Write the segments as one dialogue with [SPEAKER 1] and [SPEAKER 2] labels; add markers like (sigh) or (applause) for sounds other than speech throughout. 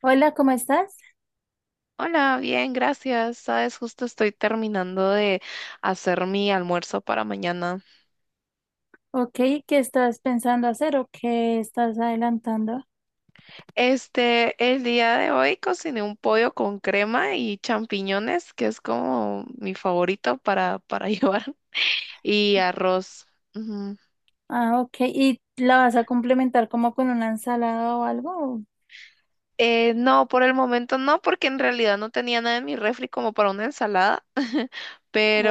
[SPEAKER 1] Hola, ¿cómo estás?
[SPEAKER 2] Hola, bien, gracias. Sabes, justo estoy terminando de hacer mi almuerzo para mañana.
[SPEAKER 1] Ok, ¿qué estás pensando hacer o qué estás adelantando?
[SPEAKER 2] El día de hoy cociné un pollo con crema y champiñones, que es como mi favorito para (laughs) llevar, y arroz. Ujú.
[SPEAKER 1] Ah, ok, ¿y la vas a complementar como con una ensalada o algo?
[SPEAKER 2] No, por el momento no, porque en realidad no tenía nada en mi refri como para una ensalada. (laughs)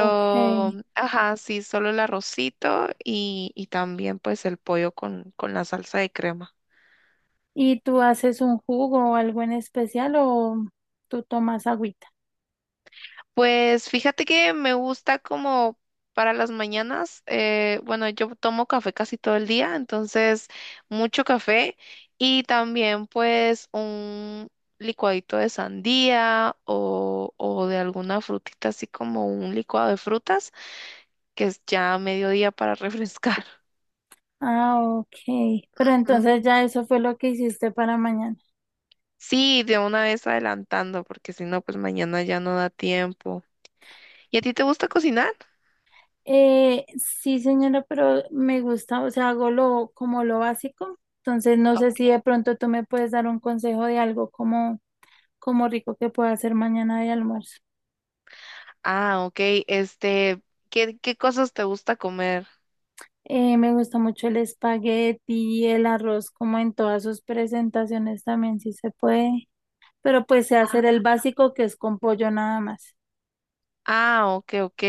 [SPEAKER 1] Ok,
[SPEAKER 2] ajá, sí, solo el arrocito y también pues el pollo con la salsa de crema.
[SPEAKER 1] ¿y tú haces un jugo o algo en especial o tú tomas agüita?
[SPEAKER 2] Pues fíjate que me gusta como para las mañanas, bueno, yo tomo café casi todo el día, entonces mucho café y también pues un licuadito de sandía o de alguna frutita, así como un licuado de frutas, que es ya a mediodía para (laughs) refrescar.
[SPEAKER 1] Ah, ok, pero
[SPEAKER 2] Ujú.
[SPEAKER 1] entonces ya eso fue lo que hiciste para mañana.
[SPEAKER 2] Sí, de una vez adelantando, porque si no, pues mañana ya no da tiempo. ¿Y a ti te gusta cocinar?
[SPEAKER 1] Sí, señora, pero me gusta, o sea, hago lo básico, entonces no sé si de pronto tú me puedes dar un consejo de algo como rico que pueda hacer mañana de almuerzo.
[SPEAKER 2] Ah, ok. Este, ¿qué cosas te gusta comer?
[SPEAKER 1] Me gusta mucho el espagueti, el arroz, como en todas sus presentaciones también, si se puede. Pero pues sé hacer
[SPEAKER 2] Ah,
[SPEAKER 1] el básico que es con pollo nada más.
[SPEAKER 2] ah, ok.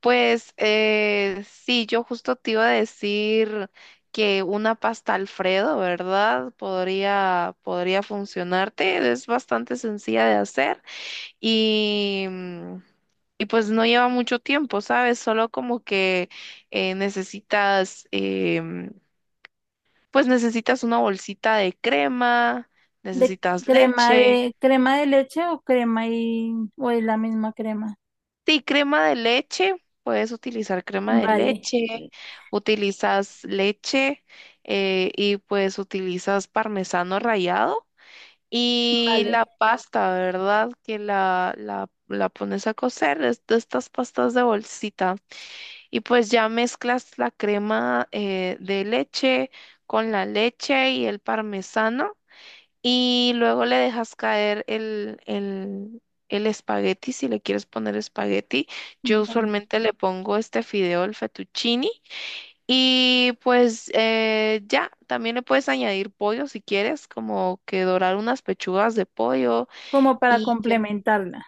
[SPEAKER 2] Pues sí, yo justo te iba a decir que una pasta Alfredo, ¿verdad? Podría funcionarte. Es bastante sencilla de hacer y, y pues no lleva mucho tiempo, ¿sabes? Solo como que eh, necesitas, em, pues necesitas una bolsita de crema,
[SPEAKER 1] ¿De
[SPEAKER 2] necesitas
[SPEAKER 1] crema
[SPEAKER 2] leche.
[SPEAKER 1] de crema de leche o crema y o es la misma crema?
[SPEAKER 2] Sí, crema de leche, puedes utilizar crema de
[SPEAKER 1] Vale,
[SPEAKER 2] leche, utilizas leche y pues utilizas parmesano rallado y
[SPEAKER 1] vale,
[SPEAKER 2] la pasta, ¿verdad? Que la pones a cocer, es de estas pastas de bolsita y pues ya mezclas la crema de leche con la leche y el parmesano. Y luego le dejas caer el espagueti, si le quieres poner espagueti. Yo
[SPEAKER 1] vale.
[SPEAKER 2] usualmente le pongo este fideo, el fettuccini. Y pues también le puedes añadir pollo si quieres, como que dorar unas pechugas de pollo
[SPEAKER 1] Como para
[SPEAKER 2] y ya.
[SPEAKER 1] complementarla.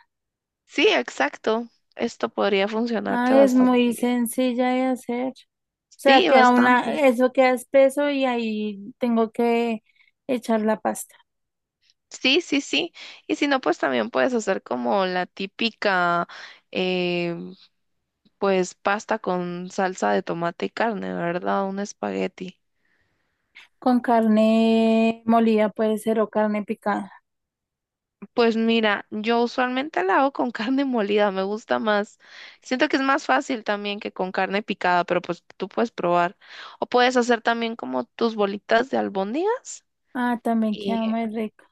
[SPEAKER 2] Sí, exacto. Esto podría funcionarte
[SPEAKER 1] Ah, es muy
[SPEAKER 2] bastante bien.
[SPEAKER 1] sencilla de hacer. O sea,
[SPEAKER 2] Sí,
[SPEAKER 1] queda una,
[SPEAKER 2] bastante.
[SPEAKER 1] eso queda espeso y ahí tengo que echar la pasta.
[SPEAKER 2] Sí, sí, sí. Y si no, pues también puedes hacer como la típica, eh, pues pasta con salsa de tomate y carne, ¿verdad? Un espagueti.
[SPEAKER 1] Con carne molida puede ser o carne picada.
[SPEAKER 2] Pues mira, yo usualmente la hago con (laughs) carne molida, me gusta más. Siento que es más fácil también que con carne picada, pero pues tú puedes probar. O puedes hacer también como tus bolitas de albóndigas.
[SPEAKER 1] Ah, también queda muy rico.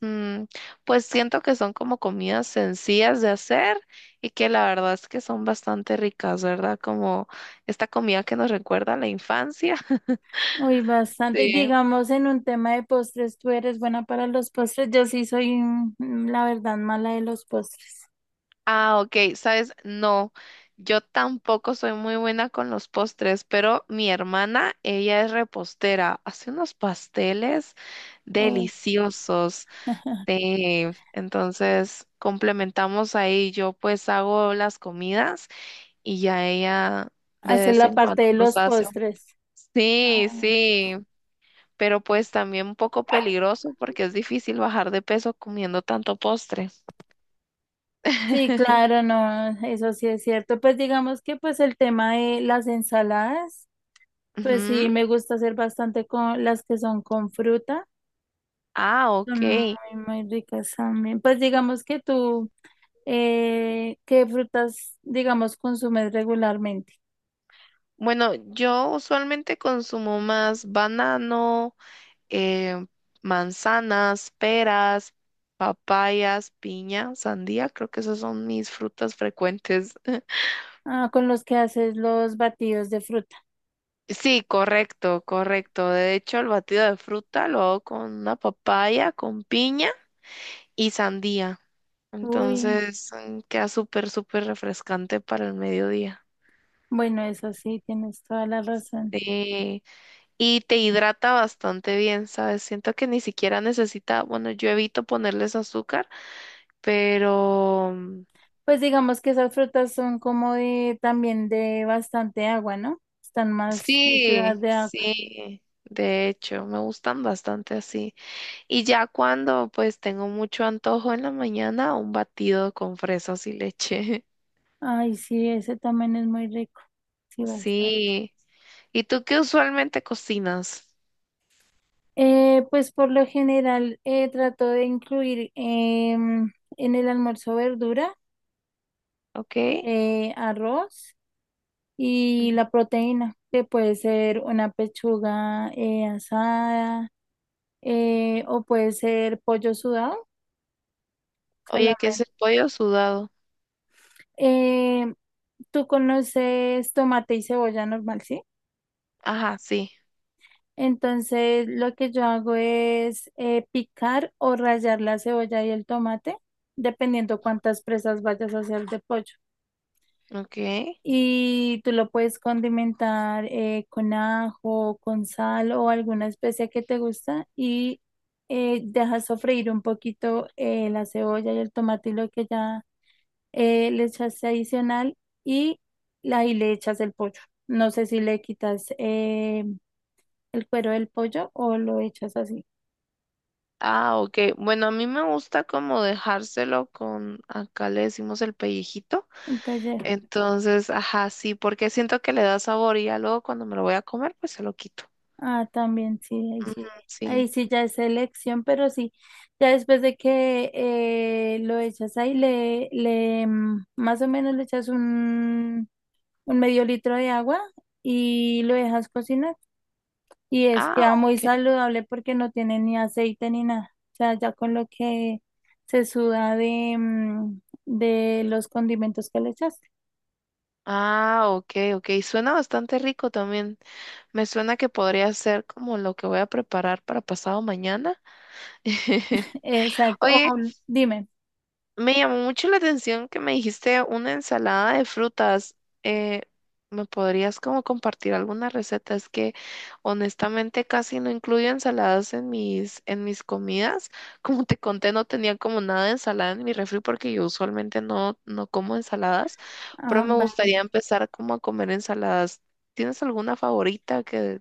[SPEAKER 2] Mm, pues siento que son como comidas sencillas de hacer y que la verdad es que son bastante ricas, ¿verdad? Como esta comida que nos recuerda a la infancia. (laughs)
[SPEAKER 1] Uy, bastante.
[SPEAKER 2] Sí.
[SPEAKER 1] Digamos, en un tema de postres, ¿tú eres buena para los postres? Yo sí soy, la verdad, mala de los postres.
[SPEAKER 2] Ah, ok, sabes, no, yo tampoco soy muy buena con los postres, pero mi hermana, ella es repostera, hace unos pasteles
[SPEAKER 1] Uy,
[SPEAKER 2] deliciosos. Sí, entonces complementamos ahí, yo pues hago las comidas y ya ella de
[SPEAKER 1] hacer
[SPEAKER 2] vez
[SPEAKER 1] la
[SPEAKER 2] en
[SPEAKER 1] parte
[SPEAKER 2] cuando
[SPEAKER 1] de
[SPEAKER 2] nos
[SPEAKER 1] los
[SPEAKER 2] hace un...
[SPEAKER 1] postres.
[SPEAKER 2] Sí,
[SPEAKER 1] Ah,
[SPEAKER 2] sí, pero pues también un poco peligroso porque es difícil bajar de peso comiendo tanto postre.
[SPEAKER 1] sí,
[SPEAKER 2] (laughs)
[SPEAKER 1] claro, no, eso sí es cierto. Pues digamos que pues el tema de las ensaladas, pues sí,
[SPEAKER 2] Ujú.
[SPEAKER 1] me gusta hacer bastante con las que son con fruta.
[SPEAKER 2] Ah,
[SPEAKER 1] Son
[SPEAKER 2] ok.
[SPEAKER 1] muy, muy ricas también. Pues digamos que tú… ¿Qué frutas, digamos, consumes regularmente?
[SPEAKER 2] Bueno, yo usualmente consumo más banano, eh, manzanas, peras, papayas, piña, sandía. Creo que esas son mis frutas frecuentes.
[SPEAKER 1] Ah, con los que haces los batidos de fruta.
[SPEAKER 2] Sí, correcto, correcto. De hecho, el batido de fruta lo hago con una papaya, con piña y sandía.
[SPEAKER 1] Uy,
[SPEAKER 2] Entonces, queda súper, súper refrescante para el mediodía.
[SPEAKER 1] bueno, eso sí, tienes toda la razón.
[SPEAKER 2] Sí, y te hidrata bastante bien, ¿sabes? Siento que ni siquiera necesita, bueno, yo evito ponerles azúcar, pero
[SPEAKER 1] Pues digamos que esas frutas son como de también de bastante agua, ¿no? Están más de ciudad
[SPEAKER 2] sí,
[SPEAKER 1] de agua.
[SPEAKER 2] sí, de hecho, me gustan bastante así. Y ya cuando pues tengo mucho antojo en la mañana, un batido con fresas y leche. (laughs)
[SPEAKER 1] Ay, sí, ese también es muy rico. Sí, bastante.
[SPEAKER 2] Sí. ¿Y tú qué usualmente cocinas?
[SPEAKER 1] Pues por lo general trato de incluir en el almuerzo verdura,
[SPEAKER 2] ¿Ok?
[SPEAKER 1] arroz,
[SPEAKER 2] Ujú.
[SPEAKER 1] y la proteína, que puede ser una pechuga asada o puede ser pollo sudado
[SPEAKER 2] Oye, ¿qué
[SPEAKER 1] solamente.
[SPEAKER 2] es el pollo sudado?
[SPEAKER 1] Eh, tú conoces tomate y cebolla normal, ¿sí?
[SPEAKER 2] Ajá, sí.
[SPEAKER 1] Entonces lo que yo hago es picar o rallar la cebolla y el tomate, dependiendo cuántas presas vayas a hacer de pollo.
[SPEAKER 2] Ok.
[SPEAKER 1] Y tú lo puedes condimentar con ajo, con sal o alguna especia que te gusta y dejas sofreír un poquito la cebolla y el tomate y lo que ya le echaste adicional y ahí le echas el pollo. No sé si le quitas el cuero del pollo o lo echas así
[SPEAKER 2] Ah, ok. Bueno, a mí me gusta como dejárselo con, acá le decimos el pellejito.
[SPEAKER 1] en pellejo.
[SPEAKER 2] Entonces, ajá, sí, porque siento que le da sabor y ya luego cuando me lo voy a comer, pues se lo quito.
[SPEAKER 1] Ah, también sí, ahí
[SPEAKER 2] Ujú,
[SPEAKER 1] sí,
[SPEAKER 2] sí.
[SPEAKER 1] ahí sí ya es elección, pero sí, ya después de que lo echas ahí, más o menos le echas un medio litro de agua y lo dejas cocinar. Y es
[SPEAKER 2] Ah,
[SPEAKER 1] queda muy
[SPEAKER 2] ok.
[SPEAKER 1] saludable porque no tiene ni aceite ni nada. O sea, ya con lo que se suda de, de los condimentos que le echaste.
[SPEAKER 2] Ah, ok, ok. Suena bastante rico también. Me suena que podría ser como lo que voy a preparar para pasado mañana. (laughs)
[SPEAKER 1] Exacto. Oh,
[SPEAKER 2] Oye,
[SPEAKER 1] dime.
[SPEAKER 2] me llamó mucho la atención que me dijiste una ensalada de frutas. Eh, ¿Me podrías como compartir alguna receta? Es que honestamente casi no incluyo ensaladas en en mis comidas. (laughs) Como te conté, no tenía como nada de ensalada en mi refri porque yo usualmente no como ensaladas, pero
[SPEAKER 1] Ah,
[SPEAKER 2] me gustaría
[SPEAKER 1] vale.
[SPEAKER 2] empezar como a comer ensaladas. ¿Tienes alguna favorita que...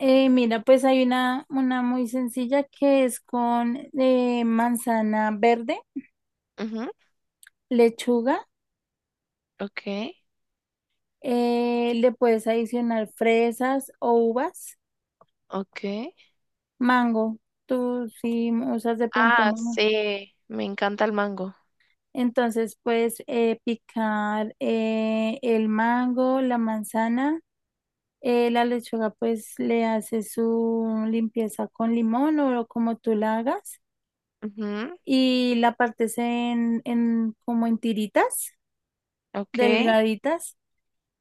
[SPEAKER 1] Mira, pues hay una muy sencilla que es con manzana verde,
[SPEAKER 2] Ujú,
[SPEAKER 1] lechuga,
[SPEAKER 2] Ok,
[SPEAKER 1] le puedes adicionar fresas o uvas,
[SPEAKER 2] ok.
[SPEAKER 1] mango. Tú si usas de pronto
[SPEAKER 2] Ah,
[SPEAKER 1] mango.
[SPEAKER 2] sí, me encanta el mango.
[SPEAKER 1] Entonces puedes picar el mango, la manzana, la lechuga pues le haces su limpieza con limón o como tú la hagas
[SPEAKER 2] Ujú,
[SPEAKER 1] y la partes en como en tiritas
[SPEAKER 2] Ok.
[SPEAKER 1] delgaditas.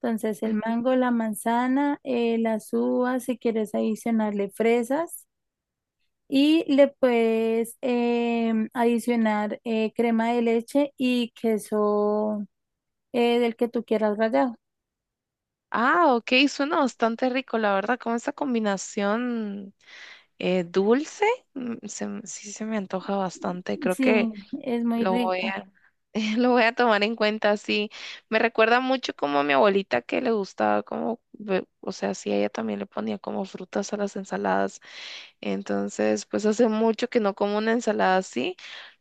[SPEAKER 1] Entonces el
[SPEAKER 2] Ujú.
[SPEAKER 1] mango, la manzana, las uvas, si quieres adicionarle fresas, y le puedes adicionar crema de leche y queso del que tú quieras rallado.
[SPEAKER 2] Ah, ok, suena bastante rico, la verdad, con esa combinación dulce, sí se me antoja bastante, creo que
[SPEAKER 1] Sí, es muy
[SPEAKER 2] lo voy
[SPEAKER 1] rica.
[SPEAKER 2] a, (laughs) lo voy a tomar en cuenta, sí, me recuerda mucho como a mi abuelita que le gustaba o sea, sí, ella también le ponía como frutas a las ensaladas, entonces, pues hace mucho que no como una ensalada así,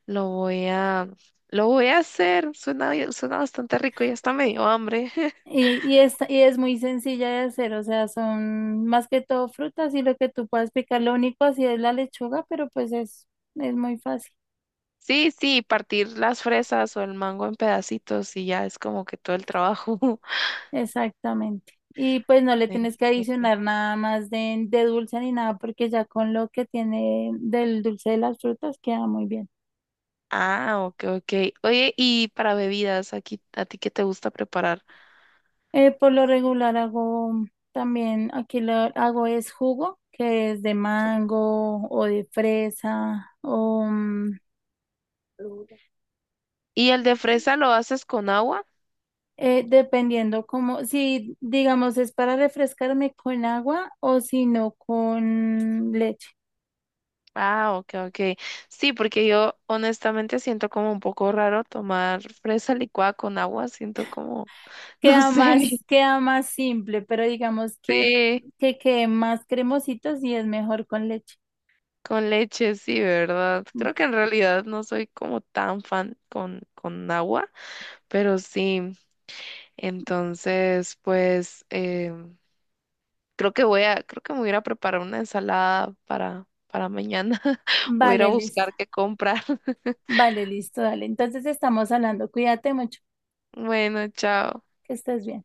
[SPEAKER 2] lo voy a, lo voy a hacer, suena bastante rico, ya está medio hambre. (laughs)
[SPEAKER 1] Y es muy sencilla de hacer, o sea, son más que todo frutas y lo que tú puedas picar, lo único así es la lechuga, pero pues es muy fácil.
[SPEAKER 2] Sí, sí, partir las fresas o el mango en pedacitos y ya es como que todo el trabajo. (laughs)
[SPEAKER 1] Exactamente. Y pues no le tienes
[SPEAKER 2] Sí.
[SPEAKER 1] que adicionar nada más de dulce ni nada, porque ya con lo que tiene del dulce de las frutas queda muy bien.
[SPEAKER 2] Ah, ok, ok. Oye, y para bebidas, aquí, ¿a ti qué te gusta preparar?
[SPEAKER 1] Por lo regular hago también, aquí lo hago es jugo, que es de mango o de fresa o
[SPEAKER 2] ¿Y el de fresa lo haces con agua?
[SPEAKER 1] dependiendo como, si digamos es para refrescarme con agua o si no con leche.
[SPEAKER 2] Ah, ok, ok. Sí, porque yo honestamente siento como un poco raro tomar fresa licuada con agua, siento como, (laughs) no sé,
[SPEAKER 1] Queda más simple, pero digamos
[SPEAKER 2] sí,
[SPEAKER 1] que quede más cremosito si es mejor con leche.
[SPEAKER 2] con leche, sí, ¿verdad? Creo que en realidad no soy como tan fan con agua, pero sí. Entonces, pues creo que me voy a ir a preparar una ensalada para mañana. (laughs) Voy a ir a
[SPEAKER 1] Vale, listo.
[SPEAKER 2] buscar qué comprar. (laughs)
[SPEAKER 1] Vale, listo, dale. Entonces estamos hablando. Cuídate mucho,
[SPEAKER 2] Bueno, chao.
[SPEAKER 1] que estés bien.